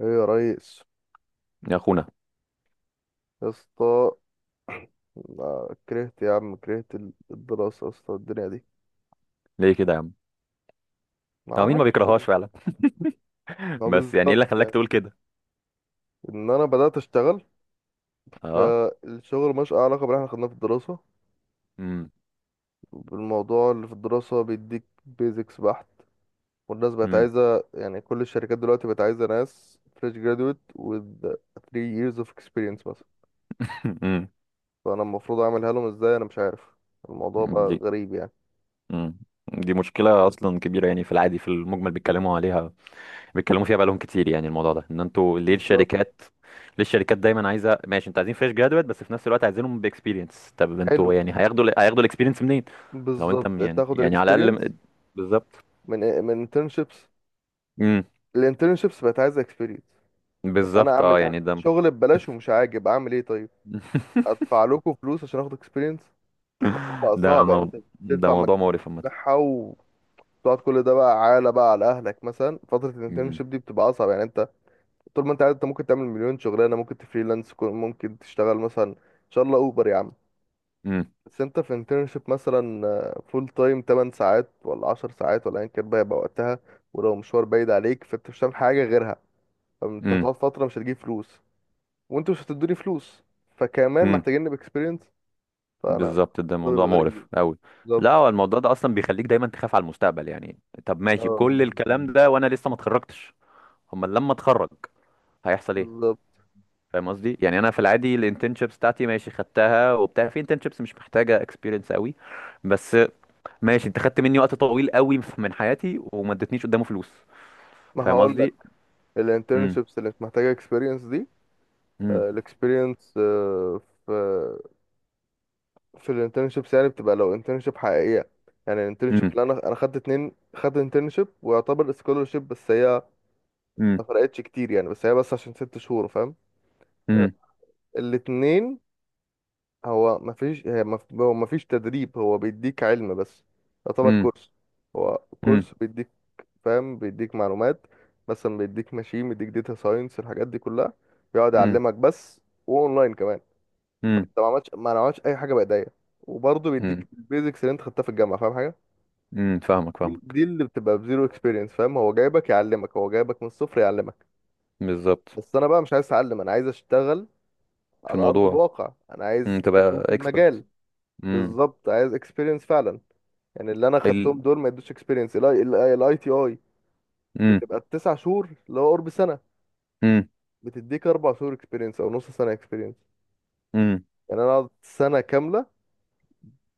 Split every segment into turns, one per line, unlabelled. ايه يا ريس،
يا اخونا.
يا اسطى. أنا كرهت يا عم، كرهت الدراسة يا اسطى، الدنيا دي.
ليه كده يا عم؟
ما
هو مين ما
اعرفش
بيكرههاش
يعني.
فعلا؟
ما
بس يعني ايه
بالظبط
اللي خلاك
يعني،
تقول كده؟
ان انا بدأت اشتغل.
اه.
فالشغل مش علاقة باللي احنا خدناه في الدراسة.
امم.
الموضوع اللي في الدراسة بيديك بيزكس بحت. والناس بقت
امم.
عايزة، يعني كل الشركات دلوقتي بقت عايزة ناس فريش جرادويت with 3 years of experience مثلا.
امم.
فانا المفروض اعملها لهم ازاي؟ انا مش عارف. الموضوع بقى
دي
غريب يعني.
امم دي مشكلة أصلا كبيرة، يعني في العادي في المجمل بيتكلموا عليها، بيتكلموا فيها بقالهم كتير. يعني الموضوع ده إن أنتوا ليه
بالظبط.
الشركات، ليه الشركات دايما عايزة. ماشي، أنتوا عايزين فريش جرادويت بس في نفس الوقت عايزينهم بإكسبيرينس، طب
حلو،
أنتوا يعني هياخدوا هياخدوا الإكسبيرينس منين؟ لو أنت
بالظبط
يعني
تاخد
على الأقل،
الاكسبيرينس
بالظبط.
من إيه، من internships.
امم.
الانترنشيبس بقت عايزه اكسبيرينس. طب انا
بالظبط، أه
اعمل إيه؟
يعني ده.
شغل ببلاش ومش عاجب، اعمل ايه طيب؟ ادفع لكم فلوس عشان اخد اكسبيرينس؟ الموضوع بقى
ده
صعب يعني،
مو...
انت
ده
بتدفع
موضوع
مجهود
مقرف عامة.
بتاعها وتقعد. كل ده بقى عالة بقى على اهلك. مثلا فتره
مم.
الانترنشيب دي بتبقى اصعب يعني، انت طول ما انت قاعد انت ممكن تعمل مليون شغلانه، ممكن تفريلانس ممكن تشتغل مثلا ان شاء الله اوبر يا عم.
مم.
بس انت في انترنشيب مثلا فول تايم 8 ساعات ولا 10 ساعات ولا ايا كان بقى يبقى وقتها. ولو مشوار بعيد عليك فانت مش هتعمل حاجه غيرها. انت
مم.
هتقعد فترة مش هتجيب فلوس. وانتوا مش هتدوني فلوس. فكمان
مم.
محتاجيني بإكسبيرينس. فأنا
بالظبط، ده
الموضوع
موضوع
بيبقى غريب
مقرف
يعني.
قوي.
بالظبط.
لا هو الموضوع ده اصلا بيخليك دايما تخاف على المستقبل. يعني طب ماشي
اه
كل الكلام ده وانا لسه ما اتخرجتش، امال لما اتخرج هيحصل ايه؟
بالظبط.
فاهم قصدي، يعني انا في العادي الانترنشيبس بتاعتي ماشي خدتها وبتاع، في انترنشيبس مش محتاجه اكسبيرينس قوي بس. ماشي، انت خدت مني وقت طويل قوي من حياتي وما ادتنيش قدامه فلوس،
ما
فاهم
هقول لك،
قصدي. امم.
الانترنشيبس اللي انت محتاجه اكسبيرينس دي،
امم.
الاكسبيرينس في في الانترنشيبس يعني بتبقى لو انترنشيب حقيقيه. يعني الانترنشيب
امم.
اللي انا خدت اتنين، خدت انترنشيب ويعتبر سكولرشيب بس هي
امم.
ما فرقتش كتير يعني. بس هي بس عشان 6 شهور فاهم. آه، الاتنين. هو مفيش تدريب. هو بيديك علم بس، يعتبر
امم.
كورس. هو
امم.
كورس بيديك، فاهم، بيديك معلومات. مثلا بيديك ماشين، بيديك داتا ساينس، الحاجات دي كلها بيقعد
امم.
يعلمك بس. واونلاين كمان. انت ما عملتش اي حاجه بايديا. وبرضه
امم.
بيديك البيزكس اللي انت خدتها في الجامعه فاهم حاجه.
امم، فاهمك
دي
فاهمك.
دي اللي بتبقى بزيرو اكسبيرينس. فاهم، هو جايبك يعلمك، هو جايبك من الصفر يعلمك.
بالظبط
بس انا بقى مش عايز اتعلم، انا عايز اشتغل
في
على ارض
الموضوع.
الواقع. انا
امم،
عايز
تبقى
اشوف
اكسبرت.
المجال.
امم.
بالظبط، عايز اكسبيرينس فعلا. يعني اللي انا
ال
خدتهم دول ما يدوش اكسبيرينس. الاي تي اي
امم.
بتبقى التسع شهور اللي هو قرب سنه،
امم.
بتديك 4 شهور اكسبيرينس او نص سنه اكسبيرينس.
امم.
يعني انا قعدت سنه كامله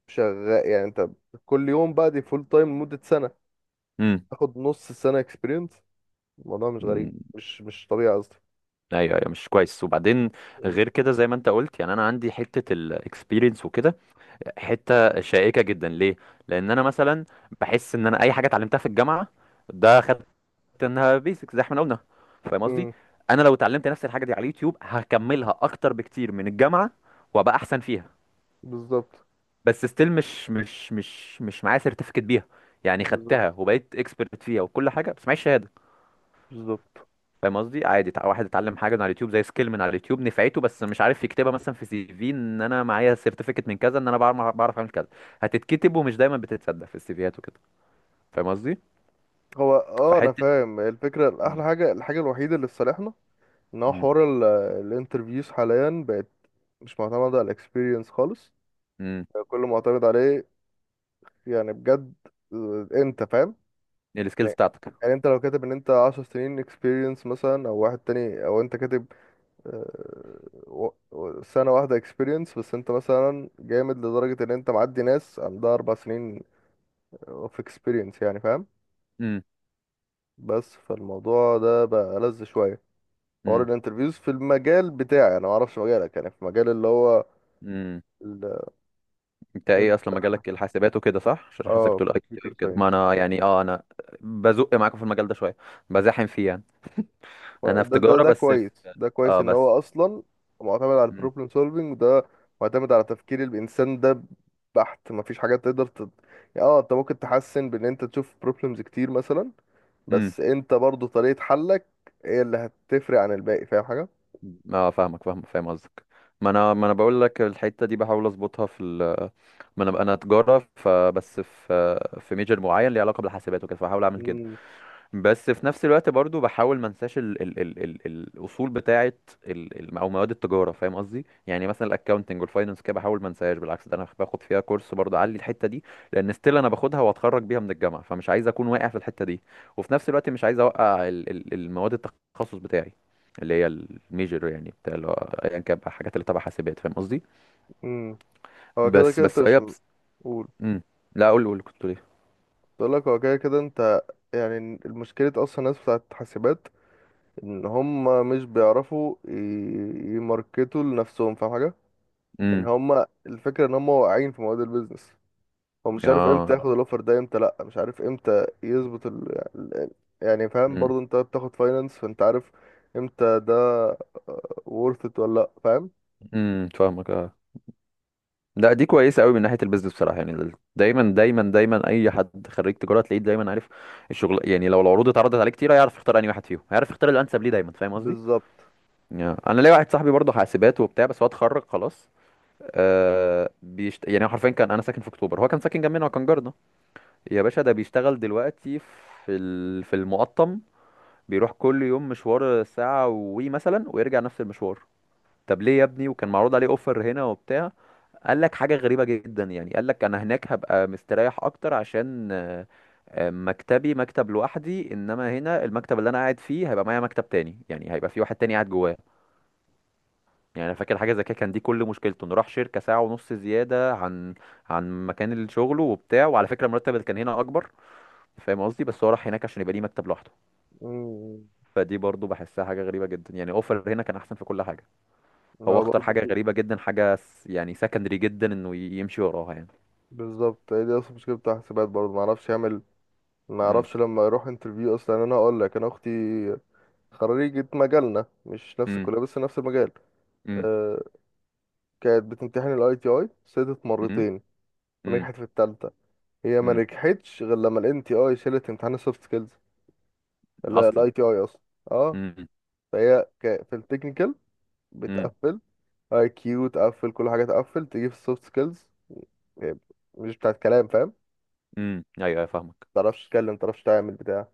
شغال، يعني انت كل يوم بقى دي فول تايم لمده سنه، تاخد نص سنه اكسبيرينس. الموضوع مش غريب،
امم،
مش طبيعي قصدي.
ايوه ايوه مش كويس. وبعدين
م-
غير كده زي ما انت قلت، يعني انا عندي حته الاكسبيرينس وكده، حته شائكه جدا. ليه؟ لان انا مثلا بحس ان انا اي حاجه اتعلمتها في الجامعه، ده خدت، انها بيسكس زي ما احنا قلنا، فاهم قصدي.
م،
انا لو اتعلمت نفس الحاجه دي على اليوتيوب هكملها اكتر بكتير من الجامعه وابقى احسن فيها،
بالظبط.
بس ستيل مش معايا سيرتيفيكت بيها، يعني
بالظبط.
خدتها وبقيت اكسبرت فيها وكل حاجه بس معيش شهاده،
بالظبط.
فاهم قصدي. عادي واحد اتعلم حاجه من على اليوتيوب، زي سكيل من على اليوتيوب نفعته بس مش عارف يكتبها مثلا في سي في، ان انا معايا سيرتيفيكت من كذا ان انا بعرف اعمل كذا، هتتكتب ومش دايما بتتصدق في السي فيات وكده، فاهم قصدي.
هو اه انا
فحته.
فاهم الفكره.
مم.
احلى حاجه، الحاجه الوحيده اللي في صالحنا ان هو
مم.
حوار الانترفيوز حاليا بقت مش معتمده على الاكسبيرينس خالص.
مم.
كله معتمد عليه يعني بجد. انت فاهم.
السكيلز
يعني
بتاعتك.
يعني انت لو كاتب ان انت 10 سنين اكسبيرينس مثلا، او واحد تاني، او انت كاتب آه، سنة واحدة اكسبيرينس، بس انت مثلا جامد لدرجة ان انت معدي ناس عندها 4 سنين اوف اكسبيرينس يعني فاهم.
مم.
بس فالموضوع ده بقى لذ شوية. حوار
مم.
الانترفيوز في المجال بتاعي، انا معرفش مجالك. يعني في مجال اللي هو
مم.
ال
انت
ال
ايه اصلا مجالك، الحاسبات وكده صح؟ عشان حاسسك
اه
تقول اي تي
كمبيوتر
وكده. ما
ساينس.
انا يعني اه انا بزق معاكم في المجال ده شويه، بزاحم فيه يعني. انا في
ده ده
تجاره
ده
بس في.
كويس ده كويس
اه
ان
بس.
هو اصلا معتمد على
امم.
البروبلم سولفينج ده، معتمد على تفكير الانسان ده بحت. مفيش حاجه تقدر يعني اه انت ممكن تحسن بان انت تشوف بروبلمز كتير مثلا،
امم.
بس انت برضو طريقه حلك هي اللي هتفرق عن الباقي، فاهم حاجه.
اه فاهمك فاهم فاهم قصدك. ما انا بقول لك الحته دي بحاول اظبطها ما انا انا تجاره فبس في في ميجر معين ليه علاقه بالحاسبات وكده، فبحاول اعمل كده.
امم
بس في نفس الوقت برضو بحاول ما انساش ال الاصول بتاعه، ال ال او مواد التجاره، فاهم قصدي. يعني مثلا الاكاونتنج والفاينانس كده بحاول ما انساهاش، بالعكس ده انا باخد فيها كورس برضو اعلي الحته دي، لان ستيل انا باخدها واتخرج بيها من الجامعه، فمش عايز اكون واقع في الحته دي، وفي نفس الوقت مش عايز اوقع ال ال المواد التخصص بتاعي، اللي هي الميجر يعني بتاع اللي هو ايا كان بقى الحاجات اللي تبع حاسبات، فاهم قصدي.
امم هو كده
بس
كده انت
بس
مش،
هي بس...
قول.
مم. لا قول قول كنت ليه.
بقول لك هو كده كده انت يعني المشكله اصلا الناس بتاعت حاسبات، ان هم مش بيعرفوا يماركتوا لنفسهم، فاهم حاجه. يعني
امم.
هما الفكرة ان هما واقعين في مواد البيزنس. هو مش عارف
اه.
امتى ياخد الاوفر ده، امتى لا. مش عارف امتى يظبط يعني فاهم
امم.
برضه انت بتاخد فاينانس فانت عارف امتى ده worth it ولا لا فاهم.
فاهمك آه. لا دي كويسه قوي من ناحيه البيزنس بصراحه، يعني دايما دايما دايما اي حد خريج تجاره تلاقيه دايما عارف الشغل. يعني لو العروض اتعرضت عليه كتير هيعرف يختار انهي واحد فيهم، هيعرف يختار الانسب ليه دايما، فاهم قصدي.
بالظبط.
يعني انا ليا واحد صاحبي برضه حاسبات وبتاع بس هو اتخرج خلاص. آه يعني هو حرفيا كان، انا ساكن في اكتوبر هو كان ساكن جنبنا وكان جارنا، يا باشا ده بيشتغل دلوقتي في المقطم، بيروح كل يوم مشوار ساعه وي مثلا ويرجع نفس المشوار. طب ليه يا ابني وكان معروض عليه اوفر هنا وبتاع؟ قال لك حاجة غريبة جدا، يعني قال لك انا هناك هبقى مستريح اكتر عشان آه، آه، مكتبي مكتب لوحدي، انما هنا المكتب اللي انا قاعد فيه هيبقى معايا مكتب تاني، يعني هيبقى في واحد تاني قاعد جواه. يعني انا فاكر حاجة زي كده كان، دي كل مشكلته انه راح شركة ساعة ونص زيادة عن عن مكان شغله وبتاع، وعلى فكرة المرتب اللي كان هنا اكبر، فاهم قصدي، بس هو راح هناك عشان يبقى ليه مكتب لوحده.
امم
فدي برضو بحسها حاجة غريبة جدا، يعني اوفر هنا كان احسن في كل حاجة، هو
ما
اختار حاجة
برضه
غريبة جدا، حاجة يعني سكندري جدا انه يمشي وراها يعني.
بالظبط، هي دي اصلا مشكلة بتاع حسابات برضه. ما اعرفش يعمل، ما
امم.
اعرفش لما يروح انترفيو اصلا. يعني انا هقول لك، انا اختي خريجة مجالنا، مش نفس
امم.
الكلية بس نفس المجال.
امم.
أه. كانت بتمتحن الاي تي اي، سقطت
امم.
مرتين
امم.
ونجحت في التالتة. هي ما
امم
نجحتش غير لما الان تي اي شالت امتحان السوفت سكيلز.
اصلا.
الاي تي اي اصلا. اه.
امم.
فهي في التكنيكال
امم.
بتقفل، اي كيو تقفل، كل حاجه تقفل، تيجي في السوفت سكيلز مش بتاعت كلام فاهم.
امم، ايوه أيوة، فاهمك.
متعرفش تتكلم، متعرفش تعمل بتاع.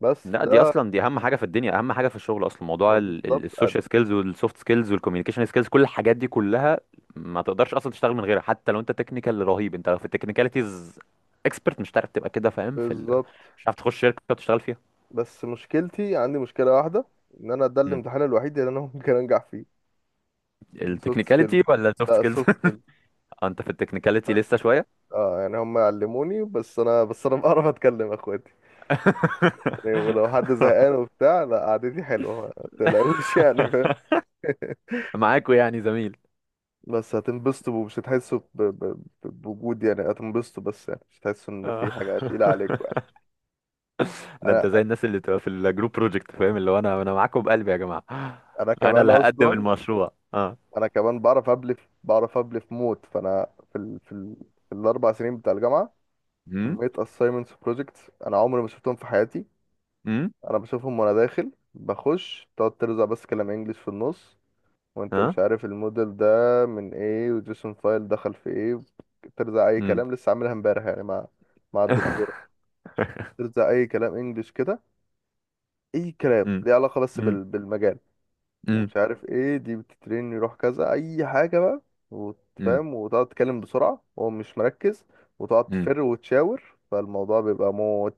بس
لا دي
ده
اصلا دي اهم حاجه في الدنيا، اهم حاجه في الشغل اصلا،
ما
موضوع
بالظبط
السوشيال
قد-
سكيلز والسوفت سكيلز والكوميونيكيشن سكيلز، كل الحاجات دي كلها ما تقدرش اصلا تشتغل من غيرها. حتى لو انت تكنيكال رهيب، انت لو في التكنيكاليتيز اكسبرت مش هتعرف تبقى كده، فاهم
بالظبط.
مش هتعرف تخش شركه وتشتغل فيها.
بس مشكلتي، عندي مشكله واحده، ان انا ده
امم،
الامتحان الوحيد اللي انا ممكن انجح فيه. السوفت سكيلز.
التكنيكاليتي ولا السوفت
لا،
سكيلز؟
السوفت سكيلز.
انت في التكنيكاليتي
بس
لسه
كده.
شويه.
اه يعني هم علموني بس انا بعرف اتكلم يا اخويا. يعني ولو حد زهقان وبتاع، لا قعدتي حلوة ما تلاقوش يعني فاهم.
معاكوا يعني زميل.
بس هتنبسطوا ومش هتحسوا بوجود. يعني هتنبسطوا بس، يعني مش هتحسوا ان
آه.
في حاجة تقيلة عليكم يعني.
ده
انا
انت زي الناس اللي تبقى في الجروب بروجكت، فاهم اللي هو انا معاكم بقلبي يا جماعه،
انا
انا
كمان
اللي هقدم
اصلا،
المشروع. اه.
انا كمان بعرف ابلف، بعرف ابلف موت. فانا في في الاربع سنين بتاع الجامعة،
امم.
كمية assignments و projects انا عمري ما شفتهم في حياتي.
امم.
انا بشوفهم وانا داخل بخش تقعد ترزع بس كلام انجليش في النص، وانت
اه.
مش عارف الموديل ده من ايه وجيسون فايل دخل في ايه. ترزع اي
امم.
كلام لسه عاملها امبارح يعني مع الدكتورة. ترزع اي كلام انجلش كده، اي كلام
امم.
ليه علاقة بس
امم.
بالمجال.
امم.
ومش عارف ايه دي بتترين يروح كذا اي حاجة بقى،
امم.
وتفهم وتقعد تتكلم بسرعة وهو مش مركز، وتقعد
امم.
تفر وتشاور. فالموضوع بيبقى موت.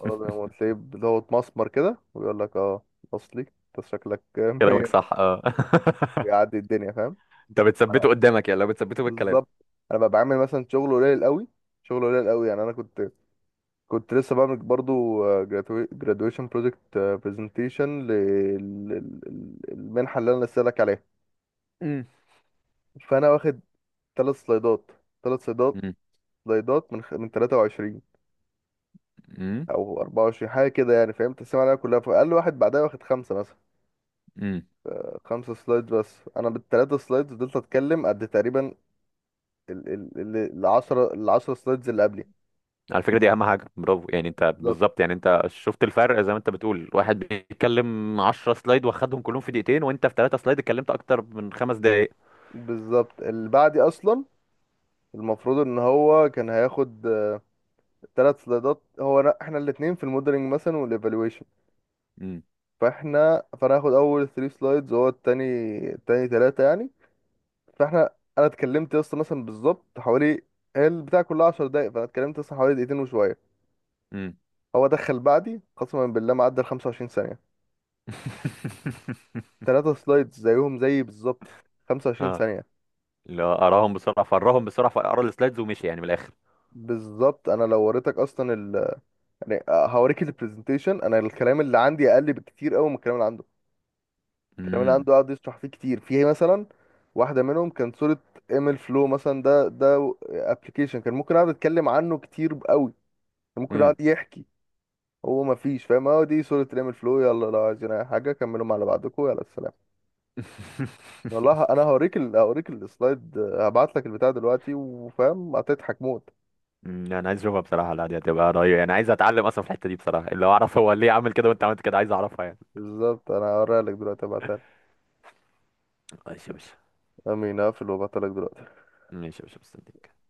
الموضوع بيبقى موت، تلاقيه اللي هو اتمسمر كده ويقول لك اه، اصلي انت شكلك
كلامك
مية.
صح اه.
بيعدي الدنيا فاهم.
انت بتثبته قدامك، يعني لو بتثبته بالكلام.
بالظبط. انا ببقى بعمل مثلا شغل قليل قوي، شغل قليل قوي. يعني انا كنت لسه بعمل برضو gradua- graduation project presentation للمنحه اللي انا لسه لك عليها.
امم.
فانا واخد ثلاث سلايدات، ثلاث سلايدات
امم.
سلايدات من من 23
امم.
او 24 حاجه كده. يعني فاهم تقسيم عليها كلها. فقال لي واحد بعدها واخد خمسه مثلا،
امم.
خمسه سلايد، بس انا بالثلاثه سلايدز فضلت اتكلم قد تقريبا ال ال ال 10 ال 10 سلايدز اللي قبلي.
على فكره دي اهم حاجه، برافو، يعني انت
بالظبط.
بالظبط، يعني انت شفت الفرق زي ما انت بتقول، واحد بيتكلم 10 سلايد واخدهم كلهم في دقيقتين، وانت في 3 سلايد اتكلمت اكتر من 5 دقائق.
بالظبط اللي بعدي اصلا، المفروض ان هو كان هياخد ثلاث سلايدات. هو أنا احنا الاثنين في الموديلنج مثلا والايفالويشن. فانا هاخد اول 3 سلايدز وهو التاني، التاني ثلاثه يعني. فاحنا انا اتكلمت يا اسطى مثلا بالظبط حوالي، هي البتاع كلها 10 دقايق، فانا اتكلمت يا اسطى حوالي دقيقتين وشويه.
امم.
هو دخل بعدي قسما بالله معدى ال 25 ثانيه. ثلاثه سلايدز زيهم زيي بالظبط، 25
اه،
ثانيه.
اللي هو اراهم بسرعه فراهم بسرعه فقرا السلايدز ومشي يعني من الاخر.
بالظبط. انا لو وريتك اصلا يعني هوريك البرزنتيشن، انا الكلام اللي عندي اقل بكتير قوي من الكلام اللي عنده. الكلام اللي
امم.
عنده قعد يشرح فيه كتير. فيه مثلا واحدة منهم كان صورة ايميل فلو مثلا. ده ابلكيشن كان ممكن اقعد اتكلم عنه كتير قوي، كان ممكن اقعد
امم.
يحكي. هو ما فيش، فاهم، هو دي صورة ايميل فلو، يلا لو عايزين اي حاجة كملوا مع بعضكم، يلا السلام. والله انا هوريك هوريك السلايد، هبعت لك البتاع دلوقتي وفاهم هتضحك موت.
أمم، انا عايز اشوفها بصراحه، لا دي هتبقى رهيبه يعني، عايز اتعلم اصلا في الحته دي بصراحه، اللي هو اعرف هو ليه عمل كده وانت عملت كده، عايز اعرفها يعني.
بالظبط، انا هوريها لك دلوقتي، هبعتها لك.
ماشي يا باشا.
امين، هقفل وابعتها لك دلوقتي.
ماشي يا باشا مستنيك.